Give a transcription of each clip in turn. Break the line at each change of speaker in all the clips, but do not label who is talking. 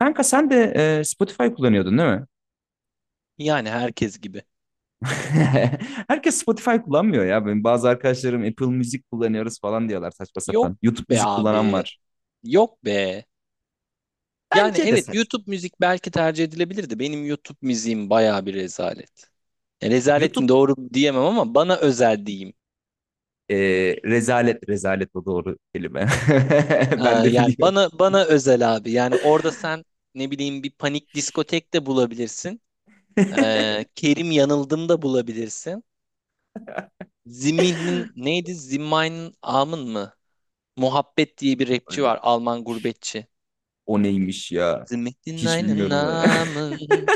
Kanka sen de Spotify kullanıyordun değil mi?
Yani herkes gibi.
Herkes Spotify kullanmıyor ya. Benim bazı arkadaşlarım Apple Music kullanıyoruz falan diyorlar saçma
Yok
sapan. YouTube
be
müzik
abi.
kullanan var.
Yok be. Yani
Bence de
evet
saçma.
YouTube müzik belki tercih edilebilirdi. Benim YouTube müziğim baya bir rezalet. E, rezalet mi
YouTube
doğru mu diyemem ama bana özel diyeyim.
e, rezalet, rezalet o doğru kelime.
Ee,
Ben de
yani
biliyorum.
bana özel abi. Yani orada sen ne bileyim bir panik diskotek de bulabilirsin. Kerim Yanıldım da bulabilirsin. Zimin'in neydi? Zimmein'in Amın mı? Muhabbet diye bir rapçi var. Alman gurbetçi.
O neymiş ya? Hiç
Zimin'in
bilmiyorum onu.
Amın.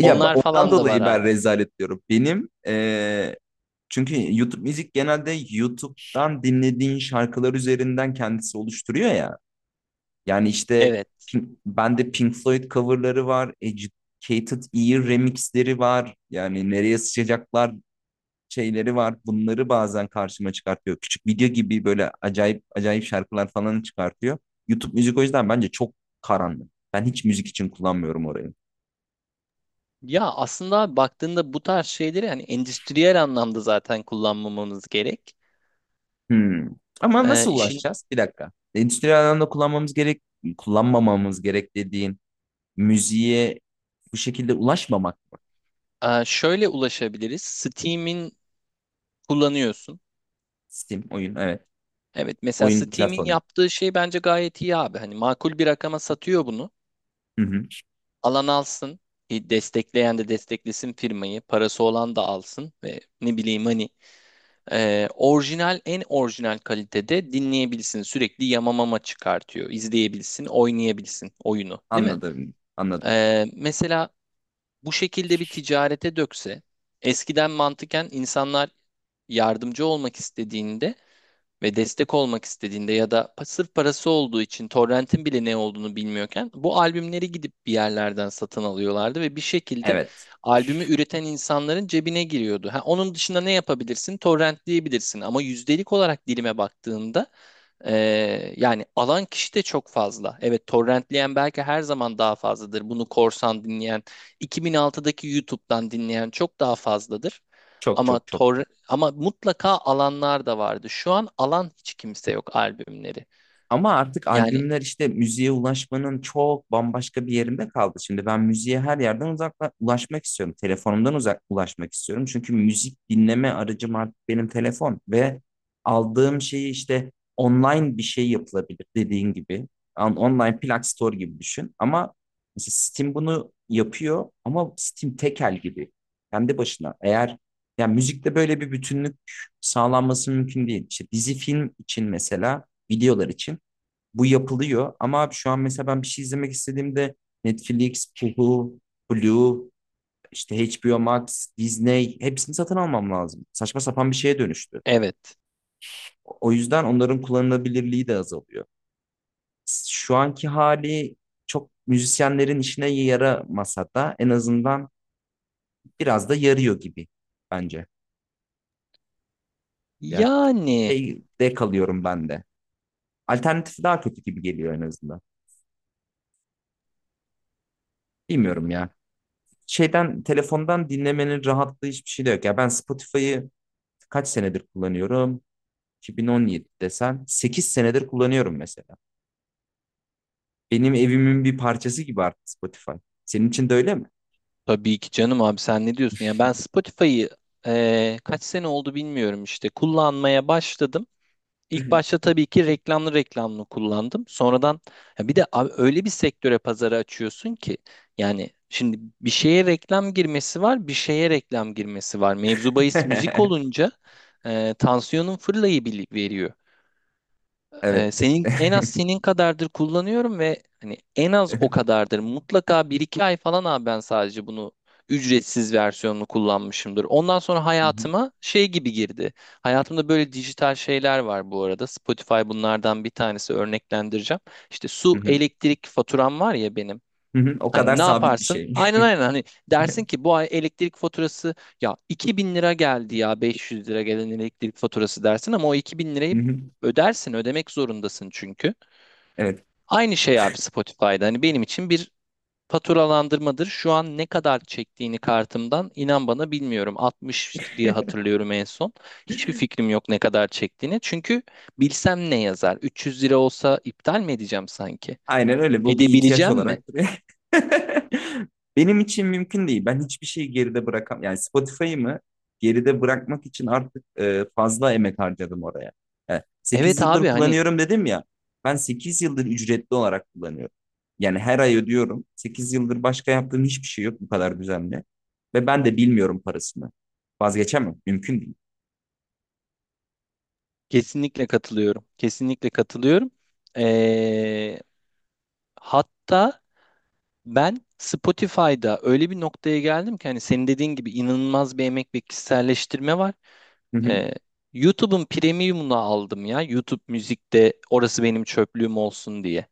Ya
Onlar
ondan
falan da var
dolayı ben
abi.
rezalet diyorum. Çünkü YouTube müzik genelde YouTube'dan dinlediğin şarkılar üzerinden kendisi oluşturuyor ya. Yani işte
Evet.
Bende Pink Floyd coverları var. Educated Ear remixleri var. Yani nereye sıçacaklar şeyleri var. Bunları bazen karşıma çıkartıyor. Küçük video gibi böyle acayip acayip şarkılar falan çıkartıyor. YouTube müzik o yüzden bence çok karanlık. Ben hiç müzik için kullanmıyorum orayı.
Ya aslında abi baktığında bu tarz şeyleri hani endüstriyel anlamda zaten kullanmamamız gerek.
Hmm. Ama
Ee,
nasıl
işin
ulaşacağız? Bir dakika. Endüstriyel alanda kullanmamız gerek, kullanmamamız gerek dediğin müziğe bu şekilde ulaşmamak mı?
şöyle ulaşabiliriz. Steam'in kullanıyorsun.
Steam oyun, evet.
Evet mesela
Oyun
Steam'in
platformu.
yaptığı şey bence gayet iyi abi. Hani makul bir rakama satıyor bunu.
Hı hı.
Alan alsın. Destekleyen de desteklesin firmayı. Parası olan da alsın ve ne bileyim hani orijinal en orijinal kalitede dinleyebilsin. Sürekli yamamama çıkartıyor. İzleyebilsin, oynayabilsin oyunu, değil mi?
Anladım, anladım.
Mesela bu şekilde bir ticarete dökse eskiden mantıken insanlar yardımcı olmak istediğinde ve destek olmak istediğinde ya da sırf parası olduğu için torrentin bile ne olduğunu bilmiyorken bu albümleri gidip bir yerlerden satın alıyorlardı ve bir şekilde
Evet.
albümü üreten insanların cebine giriyordu. Ha, onun dışında ne yapabilirsin? Torrentleyebilirsin ama yüzdelik olarak dilime baktığında yani alan kişi de çok fazla. Evet, torrentleyen belki her zaman daha fazladır. Bunu korsan dinleyen, 2006'daki YouTube'dan dinleyen çok daha fazladır.
Çok
Ama
çok çok
tor
çok.
ama mutlaka alanlar da vardı. Şu an alan hiç kimse yok albümleri.
Ama artık
Yani
albümler işte müziğe ulaşmanın çok bambaşka bir yerinde kaldı. Şimdi ben müziğe her yerden uzakla ulaşmak istiyorum. Telefonumdan uzak ulaşmak istiyorum. Çünkü müzik dinleme aracım artık benim telefon ve aldığım şeyi işte online bir şey yapılabilir, dediğin gibi. Online plak store gibi düşün. Ama mesela Steam bunu yapıyor, ama Steam tekel gibi. Kendi başına. Eğer yani müzikte böyle bir bütünlük sağlanması mümkün değil. İşte dizi film için mesela, videolar için bu yapılıyor. Ama abi şu an mesela ben bir şey izlemek istediğimde Netflix, Hulu, Blue, işte HBO Max, Disney, hepsini satın almam lazım. Saçma sapan bir şeye dönüştü.
evet.
O yüzden onların kullanılabilirliği de azalıyor. Şu anki hali çok müzisyenlerin işine yaramasa da en azından biraz da yarıyor gibi bence. Yani
Yani
şeyde kalıyorum ben de. Alternatifi daha kötü gibi geliyor en azından. Bilmiyorum ya. Şeyden, telefondan dinlemenin rahatlığı hiçbir şey de yok. Ya ben Spotify'ı kaç senedir kullanıyorum? 2017 desen 8 senedir kullanıyorum mesela. Benim evimin bir parçası gibi artık Spotify. Senin için de öyle mi?
tabii ki canım abi, sen ne diyorsun? Ya ben Spotify'ı kaç sene oldu bilmiyorum işte kullanmaya başladım. İlk başta tabii ki reklamlı reklamlı kullandım. Sonradan ya bir de abi öyle bir sektöre pazarı açıyorsun ki yani şimdi bir şeye reklam girmesi var, bir şeye reklam girmesi var. Mevzu bahis müzik olunca tansiyonun fırlayı veriyor.
Evet.
Senin en az senin kadardır kullanıyorum ve hani en az o kadardır. Mutlaka bir iki ay falan abi ben sadece bunu ücretsiz versiyonunu kullanmışımdır. Ondan sonra hayatıma şey gibi girdi. Hayatımda böyle dijital şeyler var bu arada. Spotify bunlardan bir tanesi, örneklendireceğim. İşte su, elektrik faturam var ya benim.
O kadar
Hani ne
sabit bir
yaparsın?
şey.
Aynen aynen, hani dersin ki bu ay elektrik faturası ya 2.000 lira geldi ya 500 lira gelen elektrik faturası dersin ama o 2.000 lirayı ödersin, ödemek zorundasın çünkü.
Evet.
Aynı şey abi Spotify'da, hani benim için bir faturalandırmadır. Şu an ne kadar çektiğini kartımdan inan bana bilmiyorum, 60 diye hatırlıyorum en son. Hiçbir fikrim yok ne kadar çektiğini çünkü bilsem ne yazar, 300 lira olsa iptal mi edeceğim sanki?
Aynen öyle. Bu bir ihtiyaç
Edebileceğim mi?
olarak duruyor. Benim için mümkün değil. Ben hiçbir şeyi geride bırakam. Yani Spotify'ı mı geride bırakmak için artık fazla emek harcadım oraya. Yani 8
Evet abi,
yıldır
hani.
kullanıyorum dedim ya. Ben 8 yıldır ücretli olarak kullanıyorum. Yani her ay ödüyorum. 8 yıldır başka yaptığım hiçbir şey yok bu kadar düzenli. Ve ben de bilmiyorum parasını. Vazgeçemem. Mümkün değil.
Kesinlikle katılıyorum. Kesinlikle katılıyorum. Ee, Hatta ben Spotify'da öyle bir noktaya geldim ki hani senin dediğin gibi inanılmaz bir emek ve kişiselleştirme var. Ee, YouTube'un premium'unu aldım ya. YouTube müzikte orası benim çöplüğüm olsun diye.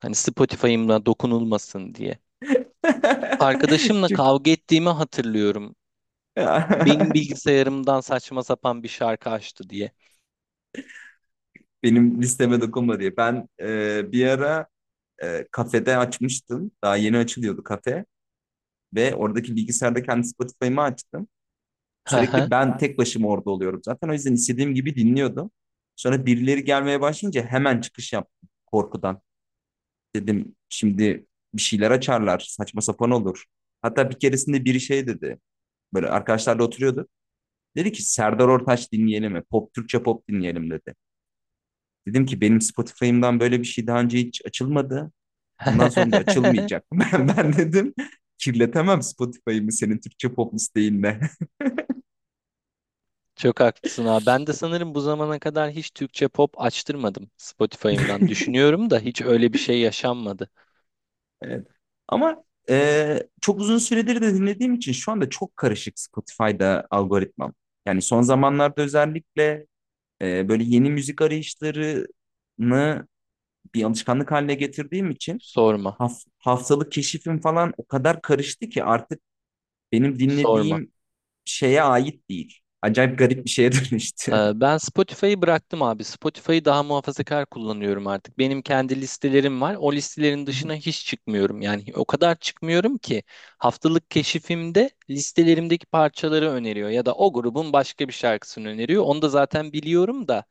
Hani Spotify'ımla dokunulmasın diye. Arkadaşımla
Çok
kavga ettiğimi hatırlıyorum. Benim bilgisayarımdan saçma sapan bir şarkı açtı diye.
Benim listeme dokunma diye. Ben bir ara kafede açmıştım. Daha yeni açılıyordu kafe. Ve oradaki bilgisayarda kendi Spotify'ımı açtım.
Hı hı.
Sürekli ben tek başıma orada oluyorum zaten. O yüzden istediğim gibi dinliyordum. Sonra birileri gelmeye başlayınca hemen çıkış yaptım korkudan. Dedim şimdi bir şeyler açarlar. Saçma sapan olur. Hatta bir keresinde biri şey dedi. Böyle arkadaşlarla oturuyorduk. Dedi ki Serdar Ortaç dinleyelim mi? Türkçe pop dinleyelim dedi. Dedim ki benim Spotify'ımdan böyle bir şey daha önce hiç açılmadı. Bundan sonra da açılmayacak. Ben dedim, kirletemem Spotify'ımı senin Türkçe pop listeyinle.
Çok haklısın abi. Ben de sanırım bu zamana kadar hiç Türkçe pop açtırmadım Spotify'ımdan. Düşünüyorum da hiç öyle bir şey yaşanmadı.
Evet. Ama çok uzun süredir de dinlediğim için şu anda çok karışık Spotify'da algoritmam. Yani son zamanlarda özellikle böyle yeni müzik arayışlarını bir alışkanlık haline getirdiğim için
Sorma,
haftalık keşifim falan o kadar karıştı ki artık benim
sorma.
dinlediğim şeye ait değil. Acayip garip bir şeye dönüştü.
Ben Spotify'ı bıraktım abi. Spotify'ı daha muhafazakar kullanıyorum artık. Benim kendi listelerim var. O listelerin
Hı
dışına hiç çıkmıyorum. Yani o kadar çıkmıyorum ki haftalık keşifimde listelerimdeki parçaları öneriyor ya da o grubun başka bir şarkısını öneriyor. Onu da zaten biliyorum da.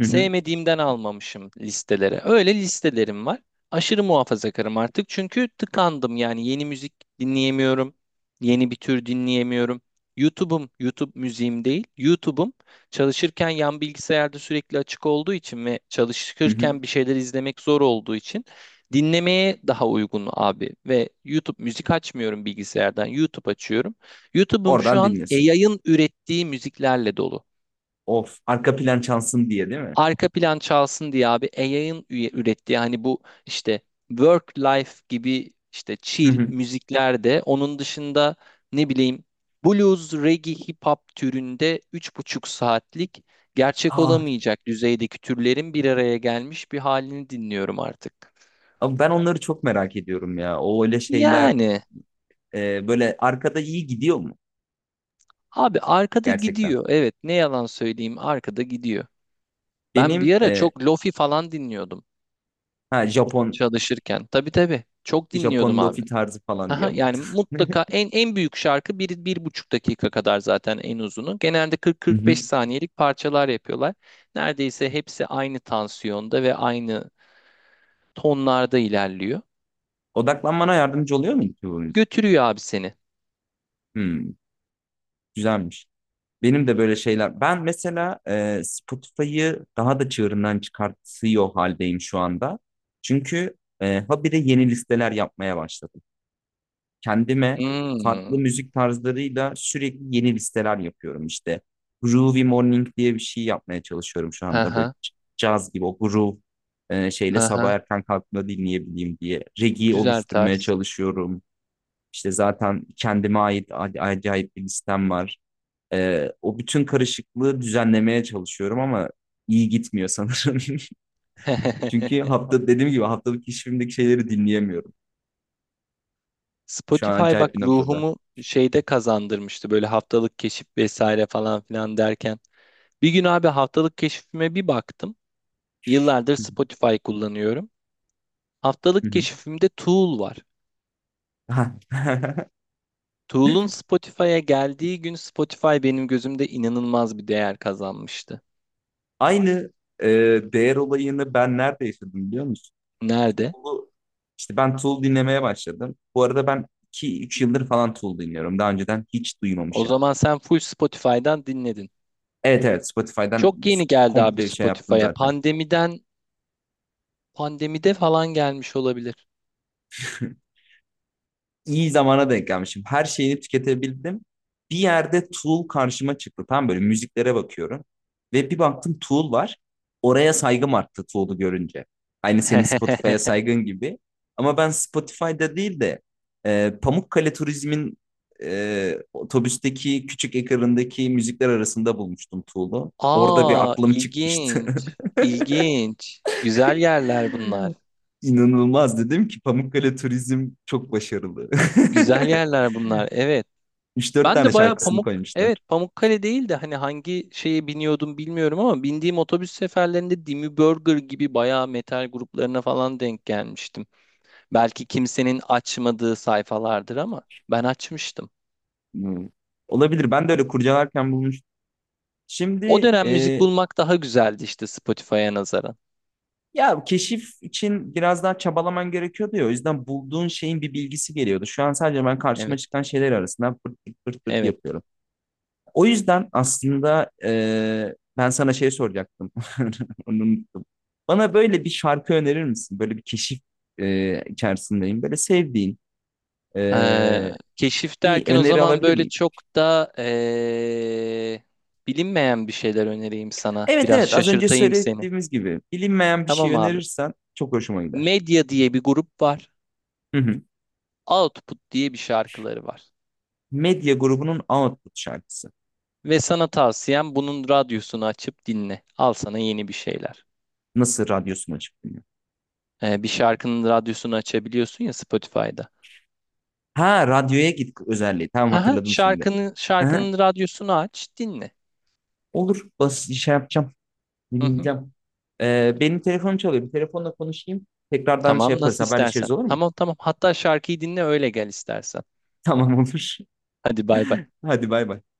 hı,
Sevmediğimden almamışım listelere. Öyle listelerim var. Aşırı muhafazakarım artık çünkü tıkandım, yani yeni müzik dinleyemiyorum. Yeni bir tür dinleyemiyorum. YouTube'um, YouTube müziğim değil. YouTube'um çalışırken yan bilgisayarda sürekli açık olduğu için ve
hı hı.
çalışırken bir şeyler izlemek zor olduğu için dinlemeye daha uygun abi. Ve YouTube müzik açmıyorum bilgisayardan, YouTube açıyorum. YouTube'um şu
Oradan
an
dinlesin.
yayın ürettiği müziklerle dolu,
Of, arka plan çalsın diye, değil mi?
arka plan çalsın diye abi. AI'ın ürettiği hani bu işte work life gibi işte
Hı
chill
hı.
müzikler, de onun dışında ne bileyim blues, reggae, hip hop türünde 3,5 saatlik gerçek
Ah,
olamayacak düzeydeki türlerin bir araya gelmiş bir halini dinliyorum artık.
abi ben onları çok merak ediyorum ya. O öyle şeyler
Yani
böyle arkada iyi gidiyor mu
abi arkada
gerçekten?
gidiyor. Evet, ne yalan söyleyeyim, arkada gidiyor. Ben bir
Benim
ara
e,
çok lofi falan dinliyordum
ha, Japon
çalışırken. Tabii tabii çok dinliyordum
Japon
abi.
lofi tarzı falan
Aha,
diye.
yani mutlaka en büyük şarkı bir, bir buçuk dakika kadar zaten en uzunu. Genelde
Hı hı.
40-45 saniyelik parçalar yapıyorlar. Neredeyse hepsi aynı tansiyonda ve aynı tonlarda ilerliyor.
Odaklanmana yardımcı oluyor mu ki bu müzik?
Götürüyor abi seni.
Hmm, güzelmiş. Benim de böyle şeyler. Ben mesela Spotify'ı daha da çığırından çıkartıyor haldeyim şu anda. Çünkü habire yeni listeler yapmaya başladım. Kendime
Hmm.
farklı müzik tarzlarıyla sürekli yeni listeler yapıyorum işte. Groovy Morning diye bir şey yapmaya çalışıyorum şu anda, böyle
Aha,
caz gibi, o groove şeyle sabah
aha.
erken kalktığımda dinleyebileyim diye. Reggae
Güzel
oluşturmaya
tarz.
çalışıyorum. İşte zaten kendime ait acayip bir listem var. O bütün karışıklığı düzenlemeye çalışıyorum ama iyi gitmiyor sanırım. Çünkü dediğim gibi haftalık işimdeki şeyleri dinleyemiyorum. Şu an
Spotify bak
acayip bir noktada.
ruhumu şeyde kazandırmıştı, böyle haftalık keşif vesaire falan filan derken. Bir gün abi haftalık keşfime bir baktım. Yıllardır
Hı
Spotify kullanıyorum.
hı,
Haftalık
hı hı.
keşifimde Tool var. Tool'un Spotify'a geldiği gün Spotify benim gözümde inanılmaz bir değer kazanmıştı.
Aynı e, değer olayını ben nerede yaşadım biliyor musun?
Nerede?
Tool'u, işte ben Tool dinlemeye başladım. Bu arada ben iki üç yıldır falan Tool dinliyorum. Daha önceden hiç
O
duymamışım.
zaman sen full Spotify'dan dinledin.
Evet evet, Spotify'dan
Çok yeni geldi abi
komple bir şey yaptım
Spotify'a.
zaten.
Pandemiden, pandemide falan gelmiş olabilir.
iyi zamana denk gelmişim. Her şeyini tüketebildim. Bir yerde Tool karşıma çıktı. Tam böyle müziklere bakıyorum. Ve bir baktım Tool var. Oraya saygım arttı Tool'u görünce. Aynı senin Spotify'a saygın gibi. Ama ben Spotify'da değil de Pamukkale Turizm'in otobüsteki küçük ekranındaki müzikler arasında bulmuştum Tool'u. Orada bir
Aa,
aklım çıkmıştı.
ilginç. İlginç. Güzel yerler bunlar.
İnanılmaz, dedim ki Pamukkale Turizm çok başarılı.
Güzel yerler bunlar. Evet.
Üç dört
Ben
tane
de baya
şarkısını koymuşlar.
Evet, Pamukkale değil de hani hangi şeye biniyordum bilmiyorum ama bindiğim otobüs seferlerinde Dimi Burger gibi baya metal gruplarına falan denk gelmiştim. Belki kimsenin açmadığı sayfalardır ama ben açmıştım.
Hmm. Olabilir. Ben de öyle kurcalarken bulmuştum.
O
Şimdi
dönem müzik bulmak daha güzeldi işte Spotify'a nazaran.
ya keşif için biraz daha çabalaman gerekiyordu ya. O yüzden bulduğun şeyin bir bilgisi geliyordu. Şu an sadece ben karşıma
Evet,
çıkan şeyler arasından pırt pırt pırt, pırt
evet.
yapıyorum. O yüzden aslında ben sana şey soracaktım. Onu unuttum. Bana böyle bir şarkı önerir misin? Böyle bir keşif içerisindeyim. Böyle sevdiğin
Ee,
e,
Keşif
bir
derken o
öneri
zaman
alabilir
böyle
miyim?
çok da bilinmeyen bir şeyler önereyim sana.
Evet
Biraz
evet, az önce
şaşırtayım seni.
söylediğimiz gibi bilinmeyen bir şey
Tamam abi.
önerirsen çok hoşuma gider.
Medya diye bir grup var.
Hı hı.
Output diye bir şarkıları var.
Medya grubunun Output şarkısı.
Ve sana tavsiyem bunun radyosunu açıp dinle. Al sana yeni bir şeyler.
Nasıl radyosunu açıp dinliyor?
Bir şarkının radyosunu açabiliyorsun ya Spotify'da.
Ha, radyoya git özelliği. Tamam,
Aha,
hatırladım şimdi.
şarkının
Hı hı.
şarkının radyosunu aç, dinle.
Olur, bas şey yapacağım.
Hı hı.
Dinleyeceğim. Benim telefonum çalıyor. Bir telefonla konuşayım. Tekrardan şey
Tamam,
yaparız,
nasıl istersen.
haberleşiriz, olur mu?
Tamam tamam. Hatta şarkıyı dinle öyle gel istersen.
Tamam olur.
Hadi bay bay.
Hadi bay bay.